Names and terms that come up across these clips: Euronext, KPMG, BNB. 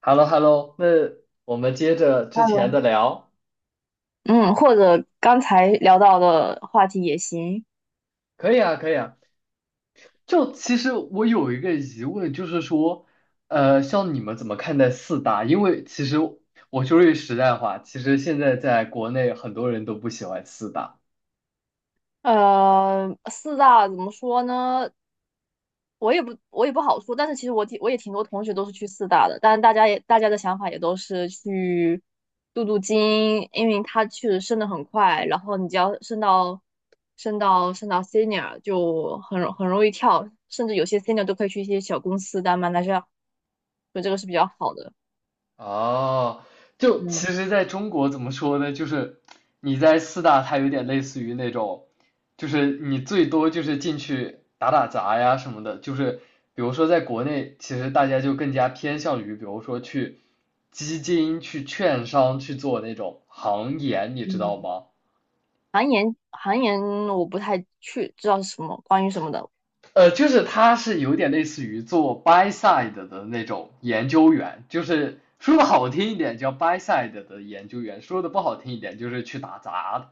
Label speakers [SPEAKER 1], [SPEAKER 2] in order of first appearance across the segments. [SPEAKER 1] h e l l o h e l l o 那我们接着之前
[SPEAKER 2] Hello，
[SPEAKER 1] 的聊，
[SPEAKER 2] 嗯，或者刚才聊到的话题也行。
[SPEAKER 1] 可以啊，可以啊。就其实我有一个疑问，就是说，像你们怎么看待四大？因为其实我说句实在话，其实现在在国内很多人都不喜欢四大。
[SPEAKER 2] 呃，四大怎么说呢？我也不好说，但是其实我也挺多同学都是去四大的，但是大家的想法也都是去镀金，因为它确实升得很快，然后你只要升到 senior 就很容易跳，甚至有些 senior 都可以去一些小公司当 m a n a g， 所以这个是比较好的。
[SPEAKER 1] 哦，就其
[SPEAKER 2] 嗯。
[SPEAKER 1] 实在中国怎么说呢？就是你在四大，它有点类似于那种，就是你最多就是进去打打杂呀什么的。就是比如说在国内，其实大家就更加偏向于，比如说去基金、去券商去做那种行研，你知道
[SPEAKER 2] 嗯。
[SPEAKER 1] 吗？
[SPEAKER 2] 韩岩，韩岩我不太去知道是什么关于什么的。
[SPEAKER 1] 就是他是有点类似于做 buy side 的那种研究员，就是说的好听一点叫 buy side 的研究员，说的不好听一点就是去打杂的。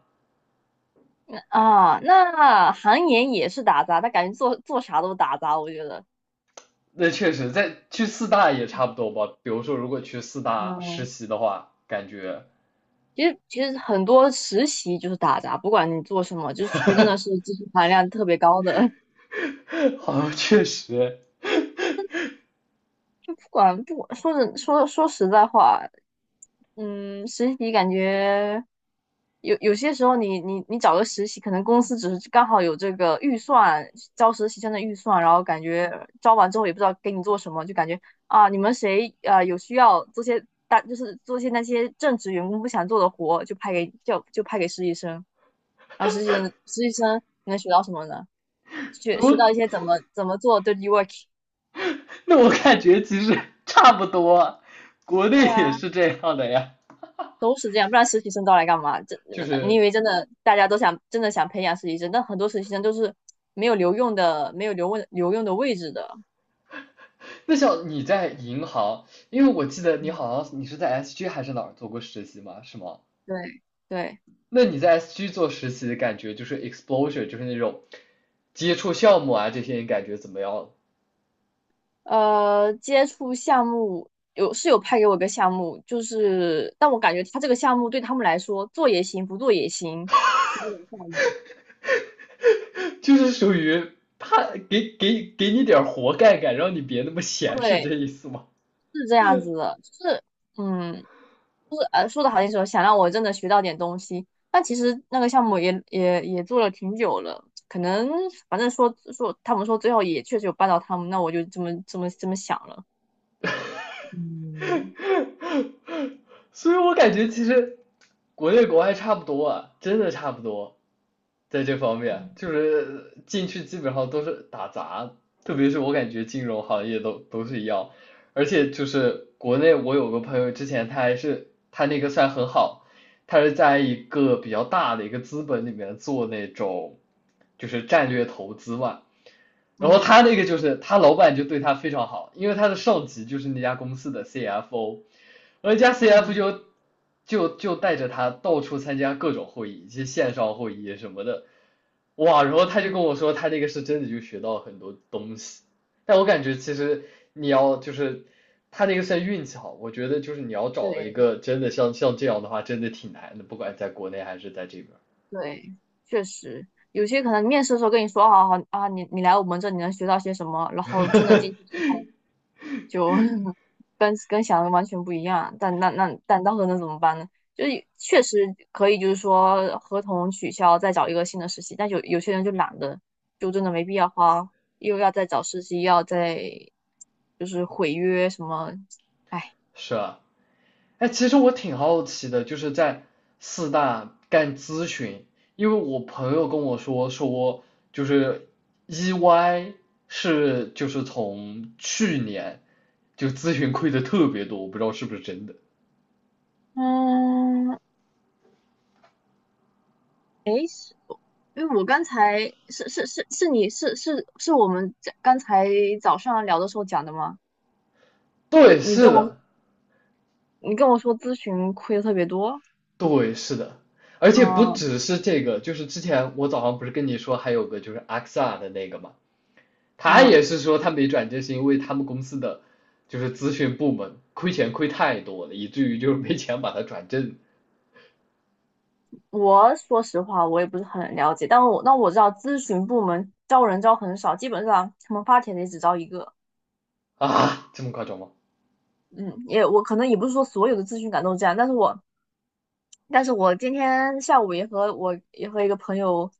[SPEAKER 2] 啊。那韩岩也是打杂，他感觉做做啥都打杂，我觉得。
[SPEAKER 1] 那确实，在去四大也差不多吧。比如说，如果去四大实
[SPEAKER 2] 嗯，
[SPEAKER 1] 习的话，感觉
[SPEAKER 2] 其实很多实习就是打杂，不管你做什么，就是除非真的是技 术含量特别高的，
[SPEAKER 1] 好像确实，
[SPEAKER 2] 就不管，说真说说实在话，嗯，实习感觉有些时候你，你找个实习，可能公司只是刚好有这个预算，招实习生的预算，然后感觉招完之后也不知道给你做什么，就感觉啊，你们谁啊有需要做些大，就是做些那些正职员工不想做的活，就派给实习生，然后实习生你能学到什么呢？学到一
[SPEAKER 1] 我
[SPEAKER 2] 些怎么做 dirty work。
[SPEAKER 1] 那我感觉其实差不多，国内
[SPEAKER 2] 对
[SPEAKER 1] 也
[SPEAKER 2] 啊。
[SPEAKER 1] 是这样的呀。
[SPEAKER 2] 都是这样，不然实习生招来干嘛？这
[SPEAKER 1] 就
[SPEAKER 2] 你以
[SPEAKER 1] 是
[SPEAKER 2] 为真的大家都想真的想培养实习生，但很多实习生都是没有留用的，没有留用的位置的。
[SPEAKER 1] 那像你在银行，因为我记得你
[SPEAKER 2] 嗯，
[SPEAKER 1] 好像你是在 SG 还是哪儿做过实习嘛，是吗？
[SPEAKER 2] 对，对，
[SPEAKER 1] 那你在 SG 做实习的感觉就是 exposure，就是那种接触项目啊这些，你感觉怎么样？
[SPEAKER 2] 呃，接触项目有是有派给我一个项目，就是但我感觉他这个项目对他们来说做也行，不做也行，是这种效应。
[SPEAKER 1] 就是属于他给你点活干干，让你别那么闲，是这
[SPEAKER 2] 对，
[SPEAKER 1] 意思吗？
[SPEAKER 2] 是这样子的，就是嗯，呃，说的好听说想让我真的学到点东西，但其实那个项目也做了挺久了，可能反正说他们说最后也确实有帮到他们，那我就这么想了。嗯。
[SPEAKER 1] 所以我感觉其实国内国外差不多啊，真的差不多，在这方面
[SPEAKER 2] 嗯。
[SPEAKER 1] 就是进去基本上都是打杂，特别是我感觉金融行业都是一样，而且就是国内我有个朋友之前他还是他那个算很好，他是在一个比较大的一个资本里面做那种就是战略投资嘛。然后
[SPEAKER 2] 嗯。
[SPEAKER 1] 他那个就是他老板就对他非常好，因为他的上级就是那家公司的 CFO，而那家 CFO
[SPEAKER 2] 嗯。
[SPEAKER 1] 就带着他到处参加各种会议，一些线上会议什么的，哇！然后他就跟我
[SPEAKER 2] 嗯，
[SPEAKER 1] 说，他那个是真的就学到很多东西，但我感觉其实你要就是他那个算运气好，我觉得就是你要找一
[SPEAKER 2] 对
[SPEAKER 1] 个真的像这样的话，真的挺难的，不管在国内还是在这边。
[SPEAKER 2] 对，确实有些可能面试的时候跟你说好啊，你来我们这里能学到些什么，然后真的进去之后。就 跟想的完全不一样。但那到时候能怎么办呢？就是确实可以，就是说合同取消，再找一个新的实习。但有些人就懒得，就真的没必要花，又要再找实习，又要再就是毁约什么，哎。
[SPEAKER 1] 是啊。哎，其实我挺好奇的，就是在四大干咨询，因为我朋友跟我说说，就是 EY 是就是从去年就咨询亏的特别多，我不知道是不是真的。
[SPEAKER 2] 嗯，因为我刚才是是是是你是是是我们这刚才早上聊的时候讲的吗？
[SPEAKER 1] 对，
[SPEAKER 2] 你
[SPEAKER 1] 是
[SPEAKER 2] 跟我，
[SPEAKER 1] 的，
[SPEAKER 2] 你跟我说咨询亏的特别多，
[SPEAKER 1] 对，是的，而且不
[SPEAKER 2] 嗯。
[SPEAKER 1] 只是这个，就是之前我早上不是跟你说还有个就是阿克萨的那个嘛，他也
[SPEAKER 2] 嗯，
[SPEAKER 1] 是说他没转正是因为他们公司的就是咨询部门亏钱亏太多了，以至于就是没钱把他转正。
[SPEAKER 2] 我说实话，我也不是很了解，但我那我知道咨询部门招人招很少，基本上他们发帖的也只招一个。
[SPEAKER 1] 啊，这么夸张吗？
[SPEAKER 2] 嗯，也我可能也不是说所有的咨询岗都这样，但是我今天下午也和一个朋友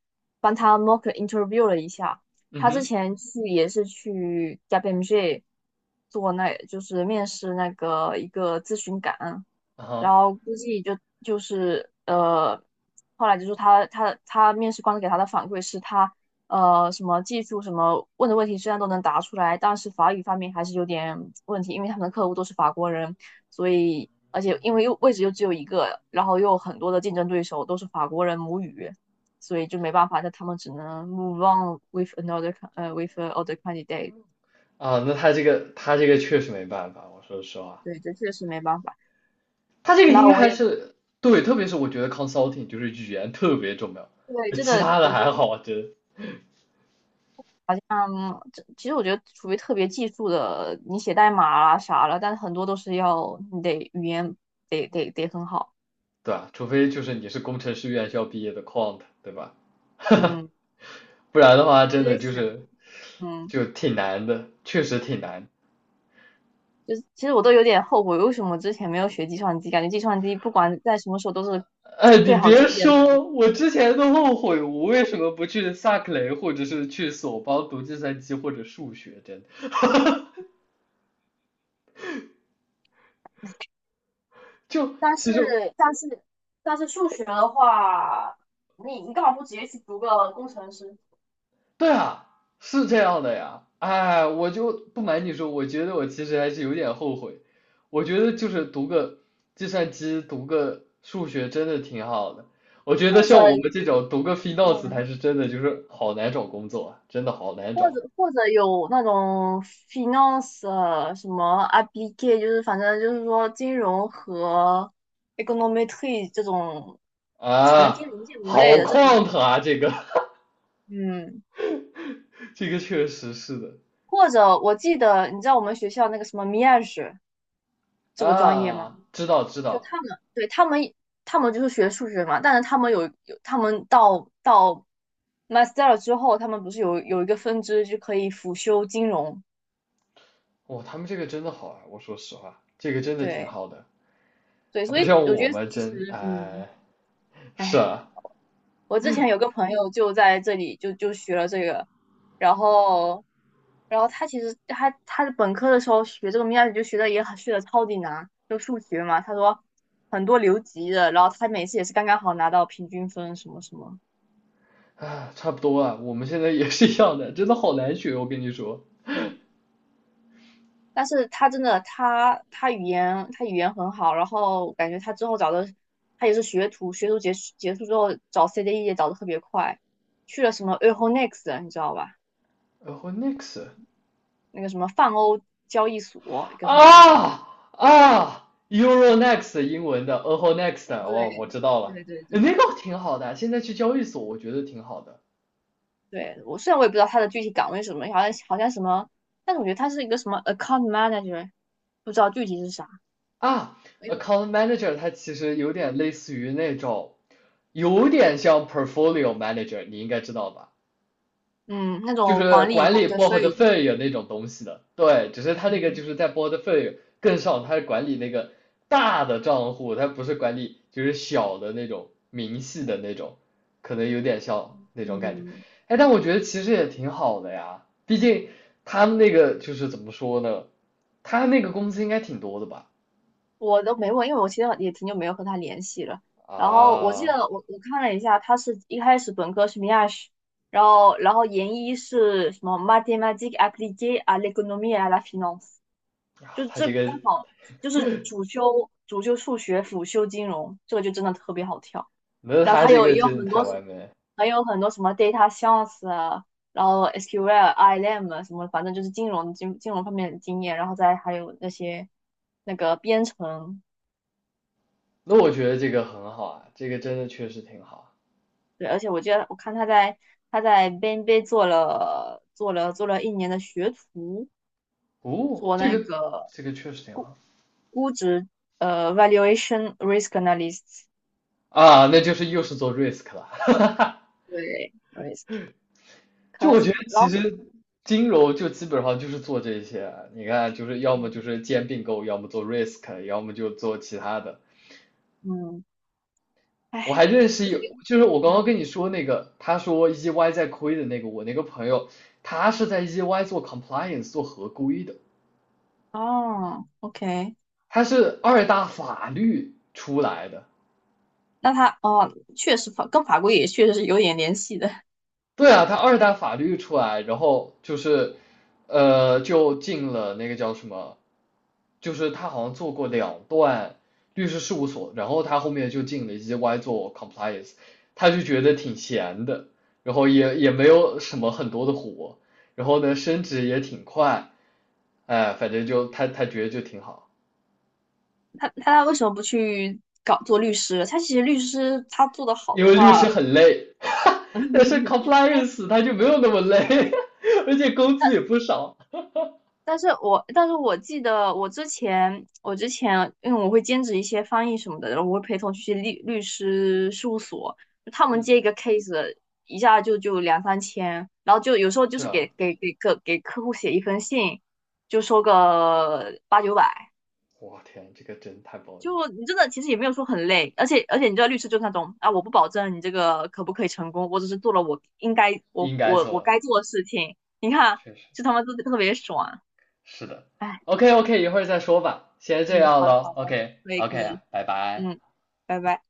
[SPEAKER 2] 帮他 mock interview 了一下，
[SPEAKER 1] 嗯
[SPEAKER 2] 他之
[SPEAKER 1] 哼，
[SPEAKER 2] 前去也是去 KPMG 做那就是面试那个一个咨询岗，然
[SPEAKER 1] 啊
[SPEAKER 2] 后估计就就是呃，后来就是他面试官给他的反馈是他呃什么技术什么问的问题虽然都能答出来，但是法语方面还是有点问题，因为他们的客户都是法国人，所以而且因为又位置又只有一个，然后又有很多的竞争对手都是法国人母语，所以就没办法，那他们只能 move on with another with other candidate。
[SPEAKER 1] 啊，那他这个确实没办法，我说实话，
[SPEAKER 2] 对，这确实没办法。
[SPEAKER 1] 他这个
[SPEAKER 2] 然
[SPEAKER 1] 应
[SPEAKER 2] 后
[SPEAKER 1] 该
[SPEAKER 2] 我
[SPEAKER 1] 还
[SPEAKER 2] 也
[SPEAKER 1] 是。对，特别是我觉得 consulting 就是语言特别重要，
[SPEAKER 2] 对，真的，
[SPEAKER 1] 其他的
[SPEAKER 2] 我觉
[SPEAKER 1] 还
[SPEAKER 2] 得，
[SPEAKER 1] 好，真。
[SPEAKER 2] 嗯，这其实我觉得除非特别技术的，你写代码啦啥了，但是很多都是要你得语言得很好。
[SPEAKER 1] 对啊，除非就是你是工程师院校毕业的 quant，对吧？
[SPEAKER 2] 嗯，
[SPEAKER 1] 不然的话，
[SPEAKER 2] 我
[SPEAKER 1] 真
[SPEAKER 2] 也
[SPEAKER 1] 的
[SPEAKER 2] 在
[SPEAKER 1] 就
[SPEAKER 2] 想，
[SPEAKER 1] 是
[SPEAKER 2] 嗯。
[SPEAKER 1] 就挺难的，确实挺难。
[SPEAKER 2] 就是其实我都有点后悔，为什么之前没有学计算机？感觉计算机不管在什么时候都是
[SPEAKER 1] 哎，你
[SPEAKER 2] 最好
[SPEAKER 1] 别
[SPEAKER 2] 就业的那一。
[SPEAKER 1] 说，我之前都后悔，我为什么不去萨克雷，或者是去索邦读计算机或者数学，真的。就
[SPEAKER 2] 但是
[SPEAKER 1] 其实
[SPEAKER 2] 但是但是数学的话，你干嘛不直接去读个工程师？
[SPEAKER 1] 对啊，是这样的呀。哎，我就不瞒你说，我觉得我其实还是有点后悔。我觉得就是读个计算机，读个数学真的挺好的。我觉得
[SPEAKER 2] 或者
[SPEAKER 1] 像我们这种读个 f i 子才
[SPEAKER 2] 嗯，
[SPEAKER 1] 是真的，就是好难找工作啊，真的好难
[SPEAKER 2] 或
[SPEAKER 1] 找
[SPEAKER 2] 者或者有那种 finance 什么 a p p i q u， 就是反正就是说金融和 econometry 这种，反正金
[SPEAKER 1] 啊，
[SPEAKER 2] 融建模
[SPEAKER 1] 好
[SPEAKER 2] 类的这种，
[SPEAKER 1] 旷腾啊，这个
[SPEAKER 2] 嗯，
[SPEAKER 1] 这个确实是的。
[SPEAKER 2] 或者我记得你知道我们学校那个什么 m i a g e 这个专业吗？
[SPEAKER 1] 啊，知道知
[SPEAKER 2] 就
[SPEAKER 1] 道，
[SPEAKER 2] 他们，对，他们，他们就是学数学嘛，但是他们，他们到 master 之后，他们不是有一个分支就可以辅修金融，
[SPEAKER 1] 哇，他们这个真的好啊，我说实话，这个真的挺
[SPEAKER 2] 对
[SPEAKER 1] 好的。
[SPEAKER 2] 对，
[SPEAKER 1] 啊，
[SPEAKER 2] 所
[SPEAKER 1] 不
[SPEAKER 2] 以
[SPEAKER 1] 像
[SPEAKER 2] 我
[SPEAKER 1] 我
[SPEAKER 2] 觉得
[SPEAKER 1] 们
[SPEAKER 2] 其
[SPEAKER 1] 真
[SPEAKER 2] 实，嗯，
[SPEAKER 1] 哎，是
[SPEAKER 2] 哎，
[SPEAKER 1] 啊，
[SPEAKER 2] 我之前有个朋友就在这里就学了这个，然后然后他其实他他的本科的时候学这个 m a 就学的超级难，就数学嘛，他说很多留级的，然后他每次也是刚刚好拿到平均分什么什么。
[SPEAKER 1] 啊，差不多啊，我们现在也是一样的，真的好难学，我跟你说。
[SPEAKER 2] 但是他真的，他语言很好，然后感觉他之后找的，他也是学徒，学徒结束之后找 CDE 也找的特别快，去了什么 Euronext，你知道吧？
[SPEAKER 1] 然后 next
[SPEAKER 2] 那个什么泛欧交易所，一个什么东西。
[SPEAKER 1] 啊啊，Euro next 英文的，然后 next 哦，我
[SPEAKER 2] 对
[SPEAKER 1] 知道了，
[SPEAKER 2] 对对对，
[SPEAKER 1] 那个挺好的，现在去交易所我觉得挺好的
[SPEAKER 2] 对，我虽然我也不知道他的具体岗位是什么，好像好像什么，但是我觉得他是一个什么 account manager，不知道具体是啥。
[SPEAKER 1] 啊。
[SPEAKER 2] 哎呦，
[SPEAKER 1] Account manager 它其实有点类似于那种，有点像 portfolio manager，你应该知道吧？
[SPEAKER 2] 嗯，那
[SPEAKER 1] 就
[SPEAKER 2] 种
[SPEAKER 1] 是
[SPEAKER 2] 管理
[SPEAKER 1] 管
[SPEAKER 2] p o
[SPEAKER 1] 理
[SPEAKER 2] r
[SPEAKER 1] p o r t 的
[SPEAKER 2] t 的，
[SPEAKER 1] o l 那种东西的，对，只是他那个就是在 p o r t f o l 更上，他是管理那个大的账户，他不是管理就是小的那种明细的那种，可能有点像那种感觉。
[SPEAKER 2] 嗯，
[SPEAKER 1] 哎，但我觉得其实也挺好的呀，毕竟他们那个就是怎么说呢，他那个工资应该挺多的吧？
[SPEAKER 2] 我都没问，因为我其实也挺久没有和他联系了。然后我记得
[SPEAKER 1] 啊，
[SPEAKER 2] 我看了一下，他是一开始本科是 Miash，然后研一是什么 m a t h é m a t i c u e s appliquées à l c o n o m i e et à la finance，就
[SPEAKER 1] 他
[SPEAKER 2] 这
[SPEAKER 1] 这个，
[SPEAKER 2] 刚好就是主修数学，辅修金融，这个就真的特别好跳。
[SPEAKER 1] 那
[SPEAKER 2] 然后
[SPEAKER 1] 他
[SPEAKER 2] 他
[SPEAKER 1] 这
[SPEAKER 2] 有
[SPEAKER 1] 个
[SPEAKER 2] 也有
[SPEAKER 1] 真
[SPEAKER 2] 很
[SPEAKER 1] 的太
[SPEAKER 2] 多
[SPEAKER 1] 完美了。
[SPEAKER 2] 还有很多什么 data science 啊，然后 SQL、ILM 什么，反正就是金融方面的经验，然后再还有那些那个编程，
[SPEAKER 1] 那我觉得这个很好啊，这个真的确实挺好。
[SPEAKER 2] 对，而且我记得我看他在 BNB 做了1年的学徒，
[SPEAKER 1] 哦，
[SPEAKER 2] 做
[SPEAKER 1] 这
[SPEAKER 2] 那
[SPEAKER 1] 个
[SPEAKER 2] 个
[SPEAKER 1] 这个确实挺好。
[SPEAKER 2] 估值呃 valuation risk analyst，
[SPEAKER 1] 啊，那就是又是做 risk 了。
[SPEAKER 2] 对 risk，
[SPEAKER 1] 就我
[SPEAKER 2] cost
[SPEAKER 1] 觉得
[SPEAKER 2] l 然
[SPEAKER 1] 其
[SPEAKER 2] 后
[SPEAKER 1] 实金融就基本上就是做这些，你看就是要么就
[SPEAKER 2] 嗯。
[SPEAKER 1] 是兼并购，要么做 risk，要么就做其他的。
[SPEAKER 2] 嗯，
[SPEAKER 1] 我
[SPEAKER 2] 哎，
[SPEAKER 1] 还认
[SPEAKER 2] 你
[SPEAKER 1] 识
[SPEAKER 2] 不是
[SPEAKER 1] 有，
[SPEAKER 2] 给。
[SPEAKER 1] 就是我刚刚
[SPEAKER 2] 啊？
[SPEAKER 1] 跟你说那个，他说 EY 在亏的那个，我那个朋友，他是在 EY 做 compliance 做合规的，
[SPEAKER 2] 哦，OK。
[SPEAKER 1] 他是二大法律出来的，
[SPEAKER 2] 那他哦，确实法跟法规也确实是有点联系的。
[SPEAKER 1] 对啊，他二代法律出来，然后就是，就进了那个叫什么，就是他好像做过两段律师事务所，然后他后面就进了 EY 做 compliance，他就觉得挺闲的，然后也没有什么很多的活，然后呢升职也挺快，哎，反正就他觉得就挺好，
[SPEAKER 2] 他为什么不去搞做律师？他其实律师他做的好
[SPEAKER 1] 因
[SPEAKER 2] 的
[SPEAKER 1] 为律师
[SPEAKER 2] 话，
[SPEAKER 1] 很累，但是 compliance 他就没有那么累，而且工资也不少，
[SPEAKER 2] 但是我记得我之前因为我会兼职一些翻译什么的，然后我会陪同去律师事务所，他们接
[SPEAKER 1] 嗯，
[SPEAKER 2] 一个 case， 一下就就两三千，然后就有时候就
[SPEAKER 1] 是
[SPEAKER 2] 是
[SPEAKER 1] 啊。
[SPEAKER 2] 给客户写一封信，就收个八九百。
[SPEAKER 1] 我天，这个真太暴力了
[SPEAKER 2] 就你真的其实也没有说很累，而且而且你知道律师就是那种啊，我不保证你这个可不可以成功，我只是做了我应该我
[SPEAKER 1] 应该
[SPEAKER 2] 我我
[SPEAKER 1] 做，
[SPEAKER 2] 该做的事情。你看，
[SPEAKER 1] 确实
[SPEAKER 2] 就他妈都特别爽，
[SPEAKER 1] 是的。
[SPEAKER 2] 哎，
[SPEAKER 1] OK OK，一会儿再说吧，先
[SPEAKER 2] 嗯，
[SPEAKER 1] 这样
[SPEAKER 2] 好的
[SPEAKER 1] 了。
[SPEAKER 2] 好的，
[SPEAKER 1] OK
[SPEAKER 2] 可以可
[SPEAKER 1] OK，啊
[SPEAKER 2] 以，
[SPEAKER 1] 拜拜。
[SPEAKER 2] 嗯，拜拜。